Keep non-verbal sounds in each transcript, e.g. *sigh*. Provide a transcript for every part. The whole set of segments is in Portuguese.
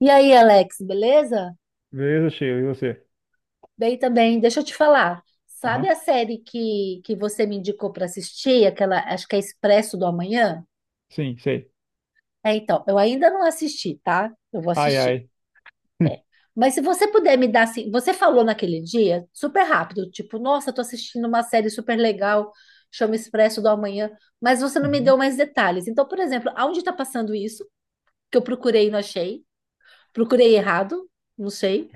E aí, Alex, beleza? Beleza, Sheila, e você? Bem também, deixa eu te falar. Sabe Aham, a série que você me indicou para assistir? Aquela, acho que é Expresso do Amanhã? sim, sei. Eu ainda não assisti, tá? Eu vou Ai, assistir. ai. É. Mas se você puder me dar assim, você falou naquele dia, super rápido, tipo, nossa, tô assistindo uma série super legal, chama Expresso do Amanhã, mas você não me Uhum. deu mais detalhes. Então, por exemplo, aonde está passando isso? Que eu procurei e não achei. Procurei errado, não sei.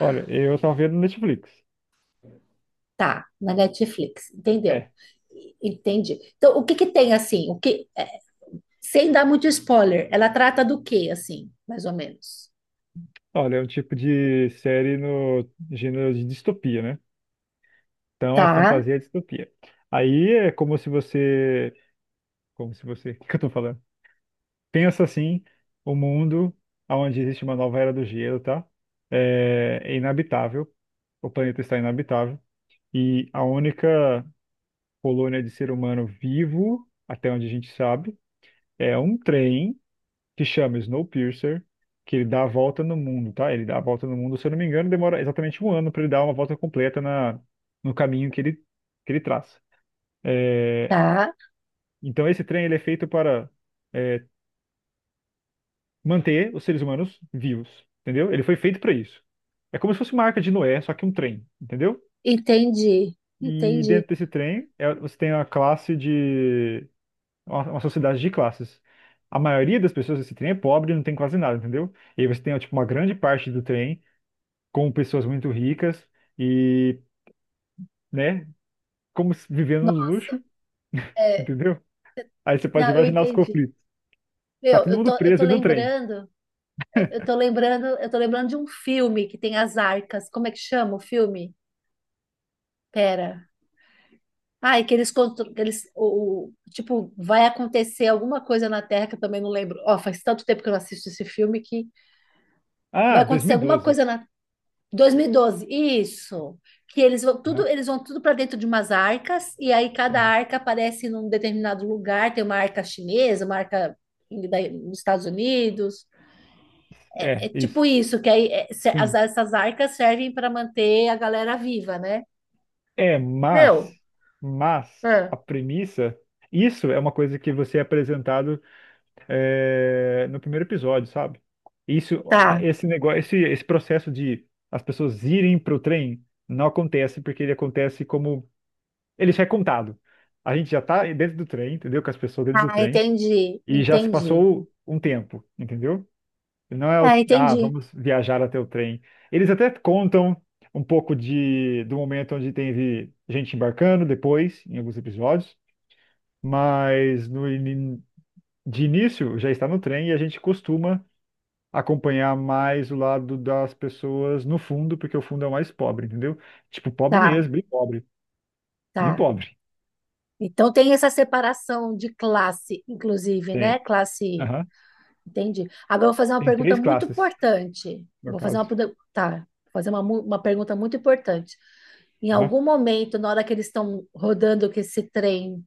Olha, eu tava vendo Netflix. Tá, na Netflix, entendeu? É. Entendi. Então, o que que tem assim? Sem dar muito spoiler, ela trata do que assim, mais ou menos? Olha, é um tipo de série no gênero de distopia, né? Então é Tá, fantasia e distopia. Aí é como se você. Como se você. *laughs* O que que eu tô falando? Pensa assim: o mundo onde existe uma nova era do gelo, tá? É inabitável. O planeta está inabitável. E a única colônia de ser humano vivo, até onde a gente sabe, é um trem, que chama Snowpiercer, que ele dá a volta no mundo, tá? Ele dá a volta no mundo, se eu não me engano, demora exatamente um ano para ele dar uma volta completa no caminho que ele traça. É, tá. então esse trem ele é feito para é, manter os seres humanos vivos, entendeu? Ele foi feito para isso. É como se fosse uma arca de Noé, só que um trem, entendeu? Entendi, E entendi. dentro desse trem você tem uma classe de uma sociedade de classes. A maioria das pessoas desse trem é pobre, e não tem quase nada, entendeu? E aí você tem tipo uma grande parte do trem com pessoas muito ricas e, né, como se- vivendo no Nossa, luxo, é, entendeu? Aí você pode não, eu imaginar os entendi. conflitos. Tá Meu, todo mundo preso dentro do trem. Eu tô lembrando de um filme que tem as arcas. Como é que chama o filme? Pera. Ai, que tipo, vai acontecer alguma coisa na Terra que eu também não lembro. Ó, faz tanto tempo que eu não assisto esse filme que vai Ah, acontecer alguma 2012, coisa na 2012? Isso. Que né? eles vão tudo para dentro de umas arcas e aí cada É, arca aparece num determinado lugar, tem uma arca chinesa, uma arca dos Estados Unidos. É é, tipo isso. isso, que aí é, se- as- Sim. essas arcas servem para manter a galera viva, né? É, mas, Meu, mas ah, a premissa, isso é uma coisa que você é apresentado, no primeiro episódio, sabe? Isso, ah, tá. esse negócio, esse processo de as pessoas irem pro trem não acontece, porque ele acontece como. Ele já é contado. A gente já tá dentro do trem, entendeu? Com as pessoas dentro do Ah, trem. entendi, E já se entendi. passou um tempo, entendeu? Não é Ah, o, ah, entendi. vamos viajar até o trem. Eles até contam um pouco do momento onde teve gente embarcando depois, em alguns episódios. Mas no, ini- de início já está no trem, e a gente costuma acompanhar mais o lado das pessoas no fundo, porque o fundo é o mais pobre, entendeu? Tipo, pobre Tá, mesmo, bem pobre, bem tá. pobre. Então tem essa separação de classe, inclusive, né? Tem. Classe. Aham. Entendi. Agora eu vou fazer uma Tem pergunta três muito classes, importante. no caso. Vou fazer uma, uma pergunta muito importante. Em Aham. algum momento, na hora que eles estão rodando com esse trem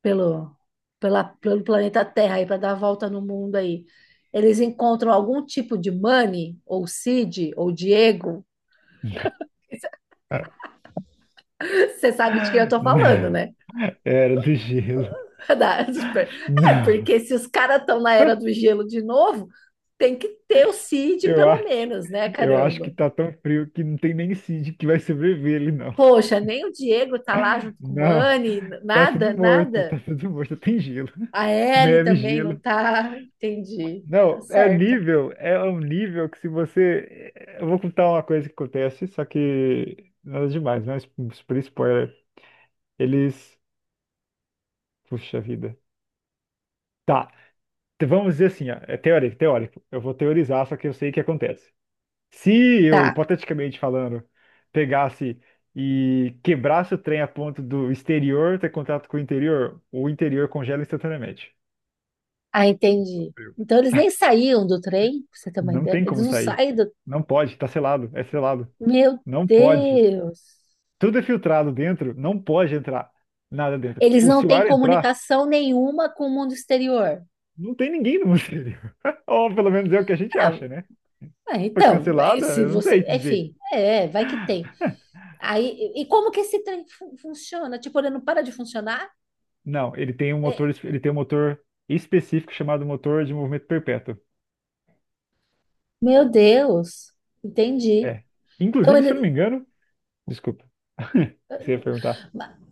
pelo, pelo planeta Terra aí para dar a volta no mundo aí, eles encontram algum tipo de Manny ou Cid, ou Diego? *laughs* Você sabe de quem eu tô falando, Não, né? era do gelo. *laughs* Da- é, Não, porque se os caras estão na era do gelo de novo, tem que ter o Cid eu pelo acho, menos, né? eu acho que Caramba. tá tão frio que não tem nem Cid que vai sobreviver ele, não. Poxa, nem o Diego tá lá junto com o Não, Mani, nada, nada. tá tudo morto, tem gelo. A Ellie Neve, também não gelo. tá. Entendi. Tá Não, certo. É um nível que se você. Eu vou contar uma coisa que acontece, só que nada demais, né? Super spoiler. Eles. Puxa vida. Tá, então vamos dizer assim, ó, é teórico, teórico. Eu vou teorizar, só que eu sei o que acontece. Se eu, Tá. hipoteticamente falando, pegasse e quebrasse o trem a ponto do exterior ter contato com o interior congela instantaneamente. Ah, entendi. Frio. Então eles nem saíam do trem, pra você ter uma Não ideia. tem Eles como não sair. saem do. Não pode, tá selado, é selado. Meu Não pode. Deus! Tudo é filtrado dentro, não pode entrar nada dentro. Eles não Se o têm ar entrar, comunicação nenhuma com o mundo exterior. não tem ninguém no exterior. *laughs* Ou pelo menos é o que a gente Ah, acha, né? Foi cancelada? se Eu não você. sei dizer. Enfim, vai que tem. Aí, e como que esse trem funciona? Tipo, ele não para de funcionar? Não, ele tem um É, motor, ele tem um motor específico chamado motor de movimento perpétuo. meu Deus, entendi. É. Então, Inclusive, se eu não me engano. Desculpa. *laughs* Você ia perguntar.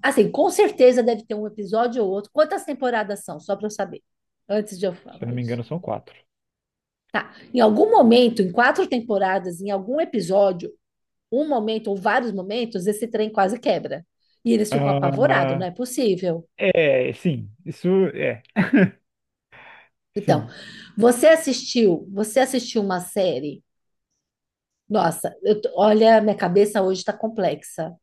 assim, com certeza deve ter um episódio ou outro. Quantas temporadas são? Só para eu saber. Antes de eu Se eu falar não me isso. engano, são quatro. Tá. Em algum momento, em quatro temporadas, em algum episódio, um momento ou vários momentos, esse trem quase quebra. E eles ficam apavorados, não Ah, é possível. é, sim. Isso é. Então, Sim. Você assistiu uma série. Nossa, eu tô- olha, minha cabeça hoje está complexa.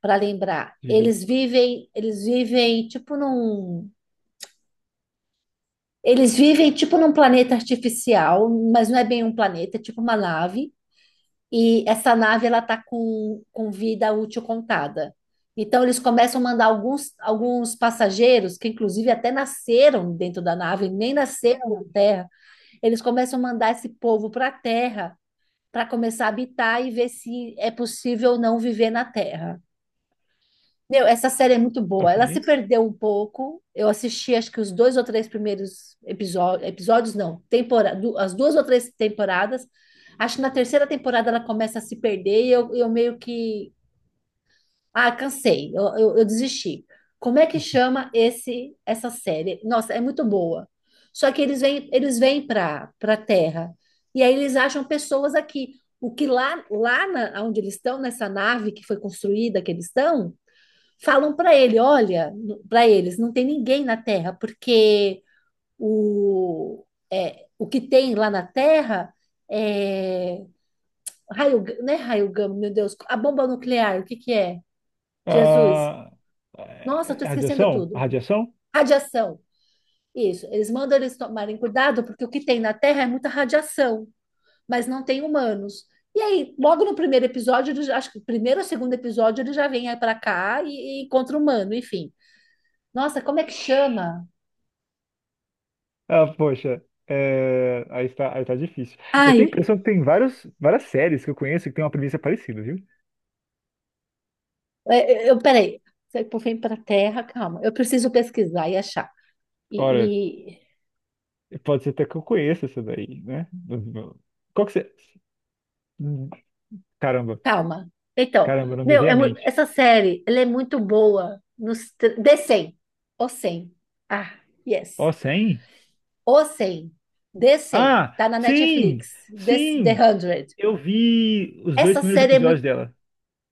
Para lembrar, Diga. Eles vivem tipo num planeta artificial, mas não é bem um planeta, é tipo uma nave. E essa nave ela tá com vida útil contada. Então eles começam a mandar alguns passageiros, que inclusive até nasceram dentro da nave, nem nasceram na Terra. Eles começam a mandar esse povo para a Terra para começar a habitar e ver se é possível ou não viver na Terra. Meu, essa série é muito boa. Ela se Ok. perdeu um pouco. Eu assisti, acho que os dois ou três primeiros episódios, episódios não, temporada, as duas ou três temporadas. Acho que na terceira temporada ela começa a se perder e eu meio que, ah, cansei, eu desisti. Como é que chama esse essa série? Nossa, é muito boa. Só que eles vêm para Terra e aí eles acham pessoas aqui. O que lá na, onde eles estão nessa nave que foi construída que eles estão falam para ele, olha, para eles, não tem ninguém na Terra, porque o, o que tem lá na Terra é raio, não é raio gama, meu Deus, a bomba nuclear, o que que é? Jesus. Ah, Nossa, eu é, tô esquecendo radiação? A tudo. radiação? Radiação. Isso, eles mandam eles tomarem cuidado porque o que tem na Terra é muita radiação, mas não tem humanos. E aí, logo no primeiro episódio, acho que o primeiro ou segundo episódio, ele já vem para cá e encontra humano, enfim. Nossa, como é que chama? Ah, poxa, aí está, aí tá difícil. Eu Ai, tenho a impressão que tem várias séries que eu conheço que tem uma premissa parecida, viu? é, peraí. Você vem para a Terra, calma. Eu preciso pesquisar e achar. Olha, E, e- pode ser até que eu conheça essa daí, né? Qual que você. hum, Caramba. calma. Então, Caramba, não me meu, veio à mente. essa série, ela é muito boa nos tr- The 100. O 100. Ah, yes. Ó, 100? O 100. The, 100. Ah, Tá na sim, Netflix. Sim. The 100. Eu vi os dois Essa primeiros série é episódios muito dela.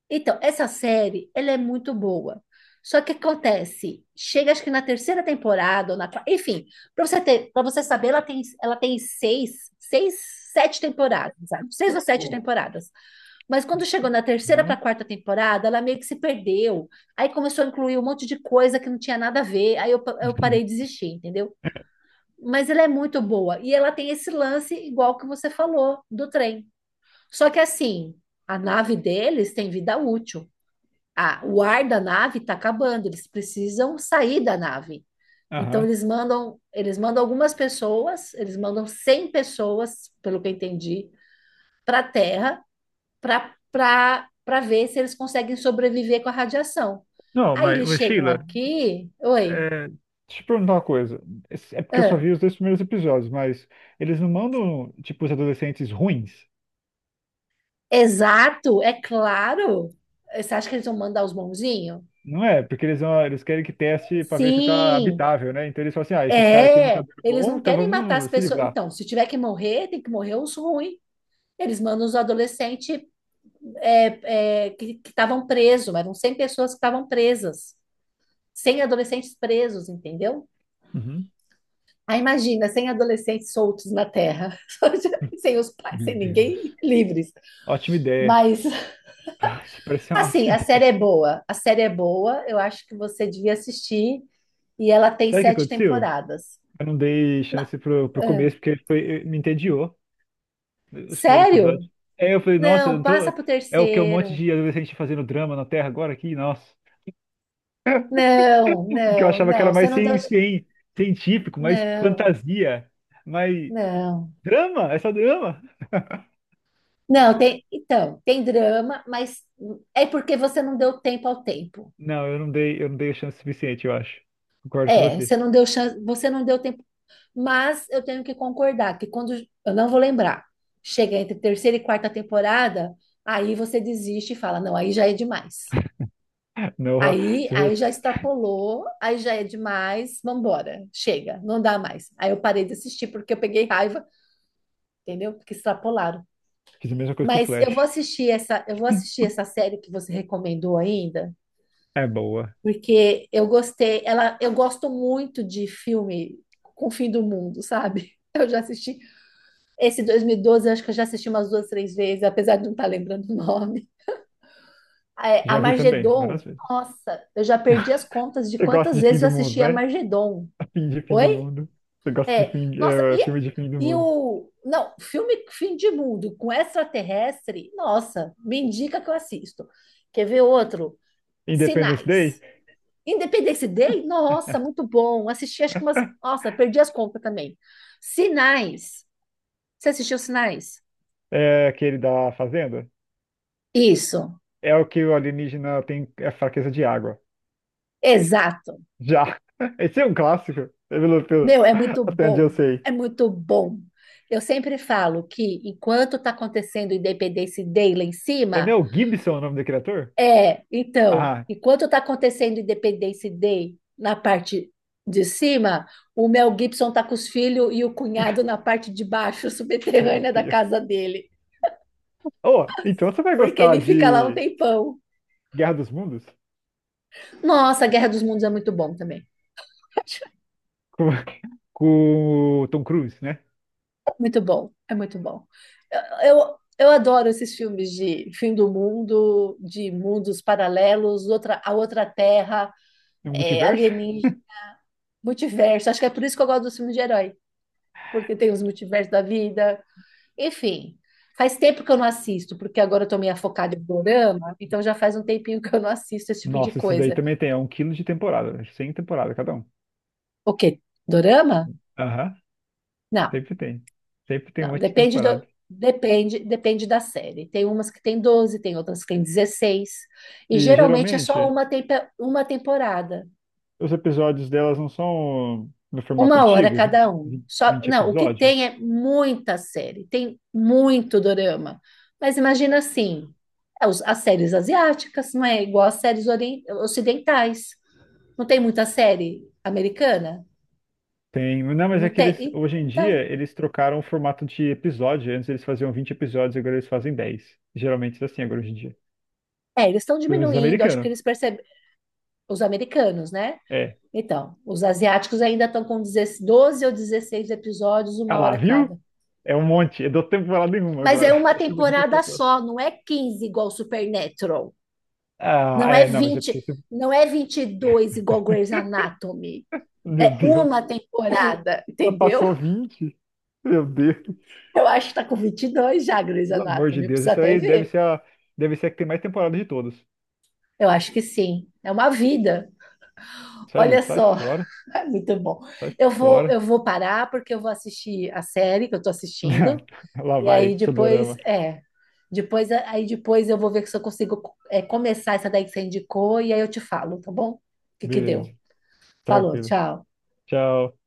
Então, essa série, ela é muito boa. Só que acontece, chega acho que na terceira temporada, ou na, enfim, para você ter, para você saber, ela tem seis, sete temporadas, sabe? Seis ou sete temporadas. Mas quando chegou na terceira para Aham. quarta temporada, ela meio que se perdeu. Aí começou a incluir um monte de coisa que não tinha nada a ver. Aí eu parei de *laughs* desistir, entendeu? Mas ela é muito boa. E ela tem esse lance igual que você falou, do trem. Só que assim, a nave deles tem vida útil. Ah, o ar da nave está acabando, eles precisam sair da nave. Então Aham. Eles mandam algumas pessoas, eles mandam 100 pessoas, pelo que eu entendi, para a Terra para ver se eles conseguem sobreviver com a radiação. Não, Aí mas, eles mas chegam Sheila, aqui, oi, deixa eu te perguntar uma coisa. É porque eu só ah, vi os dois primeiros episódios, mas eles não mandam, tipo, os adolescentes ruins, exato, é claro. Você acha que eles vão mandar os bonzinhos? não é? Porque eles querem que teste pra ver se tá Sim, habitável, né? Então eles falam assim, ah, esses caras aqui não tá é. dando Eles bom, não então querem matar as vamos se pessoas. livrar. Então, se tiver que morrer, tem que morrer os ruins. Eles mandam os adolescentes que estavam presos, eram 100 pessoas que estavam presas, 100 adolescentes presos, entendeu? Uhum. Aí imagina, 100 adolescentes soltos na Terra, *laughs* sem os pais, Meu sem ninguém, Deus. livres. Ótima ideia. Mas, *laughs* Isso parece uma assim, ótima a série ideia. é boa, a série é boa, eu acho que você devia assistir, e ela tem Sabe o que sete aconteceu? temporadas. Eu não dei Ma- chance pro ah, começo, porque foi, me entediou, né, os primeiros Sério? episódios. É, eu falei, nossa, eu Não, não passa tô... pro é o que é um monte terceiro. de adolescente fazendo drama na Terra agora aqui? Nossa. Não, *laughs* Porque eu não, achava que era não, você mais não deu. Científico, mais Não, fantasia, mais não. drama, é só drama. Não, tem, então, tem drama, mas é porque você não deu tempo ao tempo. Não, eu não dei chance suficiente, eu acho. Concordo com É, você. você não deu chance, você não deu tempo. Mas eu tenho que concordar que quando, eu não vou lembrar, chega entre terceira e quarta temporada, aí você desiste e fala, não, aí já é demais. *laughs* Noah, você Aí já já extrapolou, aí já é demais, vambora, chega, não dá mais. Aí eu parei de assistir porque eu peguei raiva, entendeu? Porque extrapolaram. fez a mesma coisa com o Mas Flash. Eu vou assistir essa série que você recomendou ainda. É boa. Porque eu gostei, ela, eu gosto muito de filme com o fim do mundo, sabe? *laughs* Eu já assisti esse 2012, eu acho que eu já assisti umas duas, três vezes, apesar de não estar lembrando o nome. A Já vi também, Armagedon, várias vezes. nossa, eu já perdi as contas de Você gosta quantas de fim vezes eu do mundo, assisti a né? Armagedon. *laughs* Fim de fim do Oi? mundo. Você gosta de É, nossa, filme de fim do e mundo. o. Não, filme Fim de Mundo com extraterrestre, nossa, me indica que eu assisto. Quer ver outro? Independence Sinais. Day, Independência Day? Nossa, muito bom. Assisti, acho que umas. *laughs* Nossa, perdi as contas também. Sinais. Você assistiu Sinais? é aquele da fazenda, Isso, é o que o alienígena tem é fraqueza de água. exato. Já. *laughs* Esse é um clássico, Meu, é muito até onde eu bom. sei. É muito bom. Eu sempre falo que enquanto está acontecendo Independência Day lá em É cima, Mel Gibson o nome do criador? Então, Ah, enquanto está acontecendo Independência Day na parte de cima, o Mel Gibson tá com os filhos e o cunhado na parte de baixo, *laughs* meu subterrânea da Deus. casa dele, Oh, então você vai porque gostar ele fica lá um de tempão. Guerra dos Mundos? Nossa, Guerra dos Mundos é muito bom também. *laughs* Com, *laughs* com o Tom Cruise, né? Muito bom, é muito bom. Eu adoro esses filmes de fim do mundo, de mundos paralelos, outra, a outra terra, No é, multiverso? alienígena, multiverso. Acho que é por isso que eu gosto dos filmes de herói, porque tem os multiversos da vida. Enfim, faz tempo que eu não assisto, porque agora eu tô meio focada em dorama, então já faz um tempinho que eu não assisto esse tipo de Nossa, esses daí coisa. também tem. É um quilo de temporada. 100 temporadas cada um. O quê? Dorama? Aham, Não. sempre tem. Sempre tem um Não, monte de depende do, temporada. depende, depende da série. Tem umas que tem 12, tem outras que tem 16. E E geralmente é só geralmente. uma, uma temporada, Os episódios delas não são no formato uma hora antigo, cada 20 um. Só, 20 não, o que episódios? tem é muita série, tem muito dorama. Mas imagina assim, as séries asiáticas não é igual às séries ocidentais. Não tem muita série americana? Tem. Não, mas é Não que tem. eles, hoje em dia, Então, eles trocaram o formato de episódio. Antes eles faziam 20 episódios, agora eles fazem dez. Geralmente é assim agora, hoje em dia. é, eles estão Pelo menos os diminuindo, acho que americanos. eles percebem, os americanos, né? É. Então, os asiáticos ainda estão com 12 ou 16 episódios, Ah uma lá, hora viu? cada. É um monte. Eu dou tempo pra falar nenhuma Mas é agora. *laughs* uma Eu chamo de você temporada falando. só, não é 15 igual Supernatural. Ah, Não é é, não, mas é 20, porque você... não é 22 igual Grey's Anatomy. Meu É Deus. uma temporada, *laughs* Ela passou entendeu? vinte. Meu Deus. Eu acho que tá com 22 já, Grey's Pelo amor de Anatomy. Eu Deus. preciso Isso até aí deve ver. ser a que tem mais temporada de todas. Eu acho que sim. É uma vida. Sai, Olha sai só, fora. *laughs* é muito bom. Sai fora. Eu vou parar porque eu vou assistir a série que eu tô assistindo. *laughs* Lá E aí vai, depois, Sudorama. é. Depois, aí depois eu vou ver se eu consigo começar essa daí que você indicou e aí eu te falo, tá bom? O que que deu? Beleza, Falou, tranquilo. tchau. Tchau.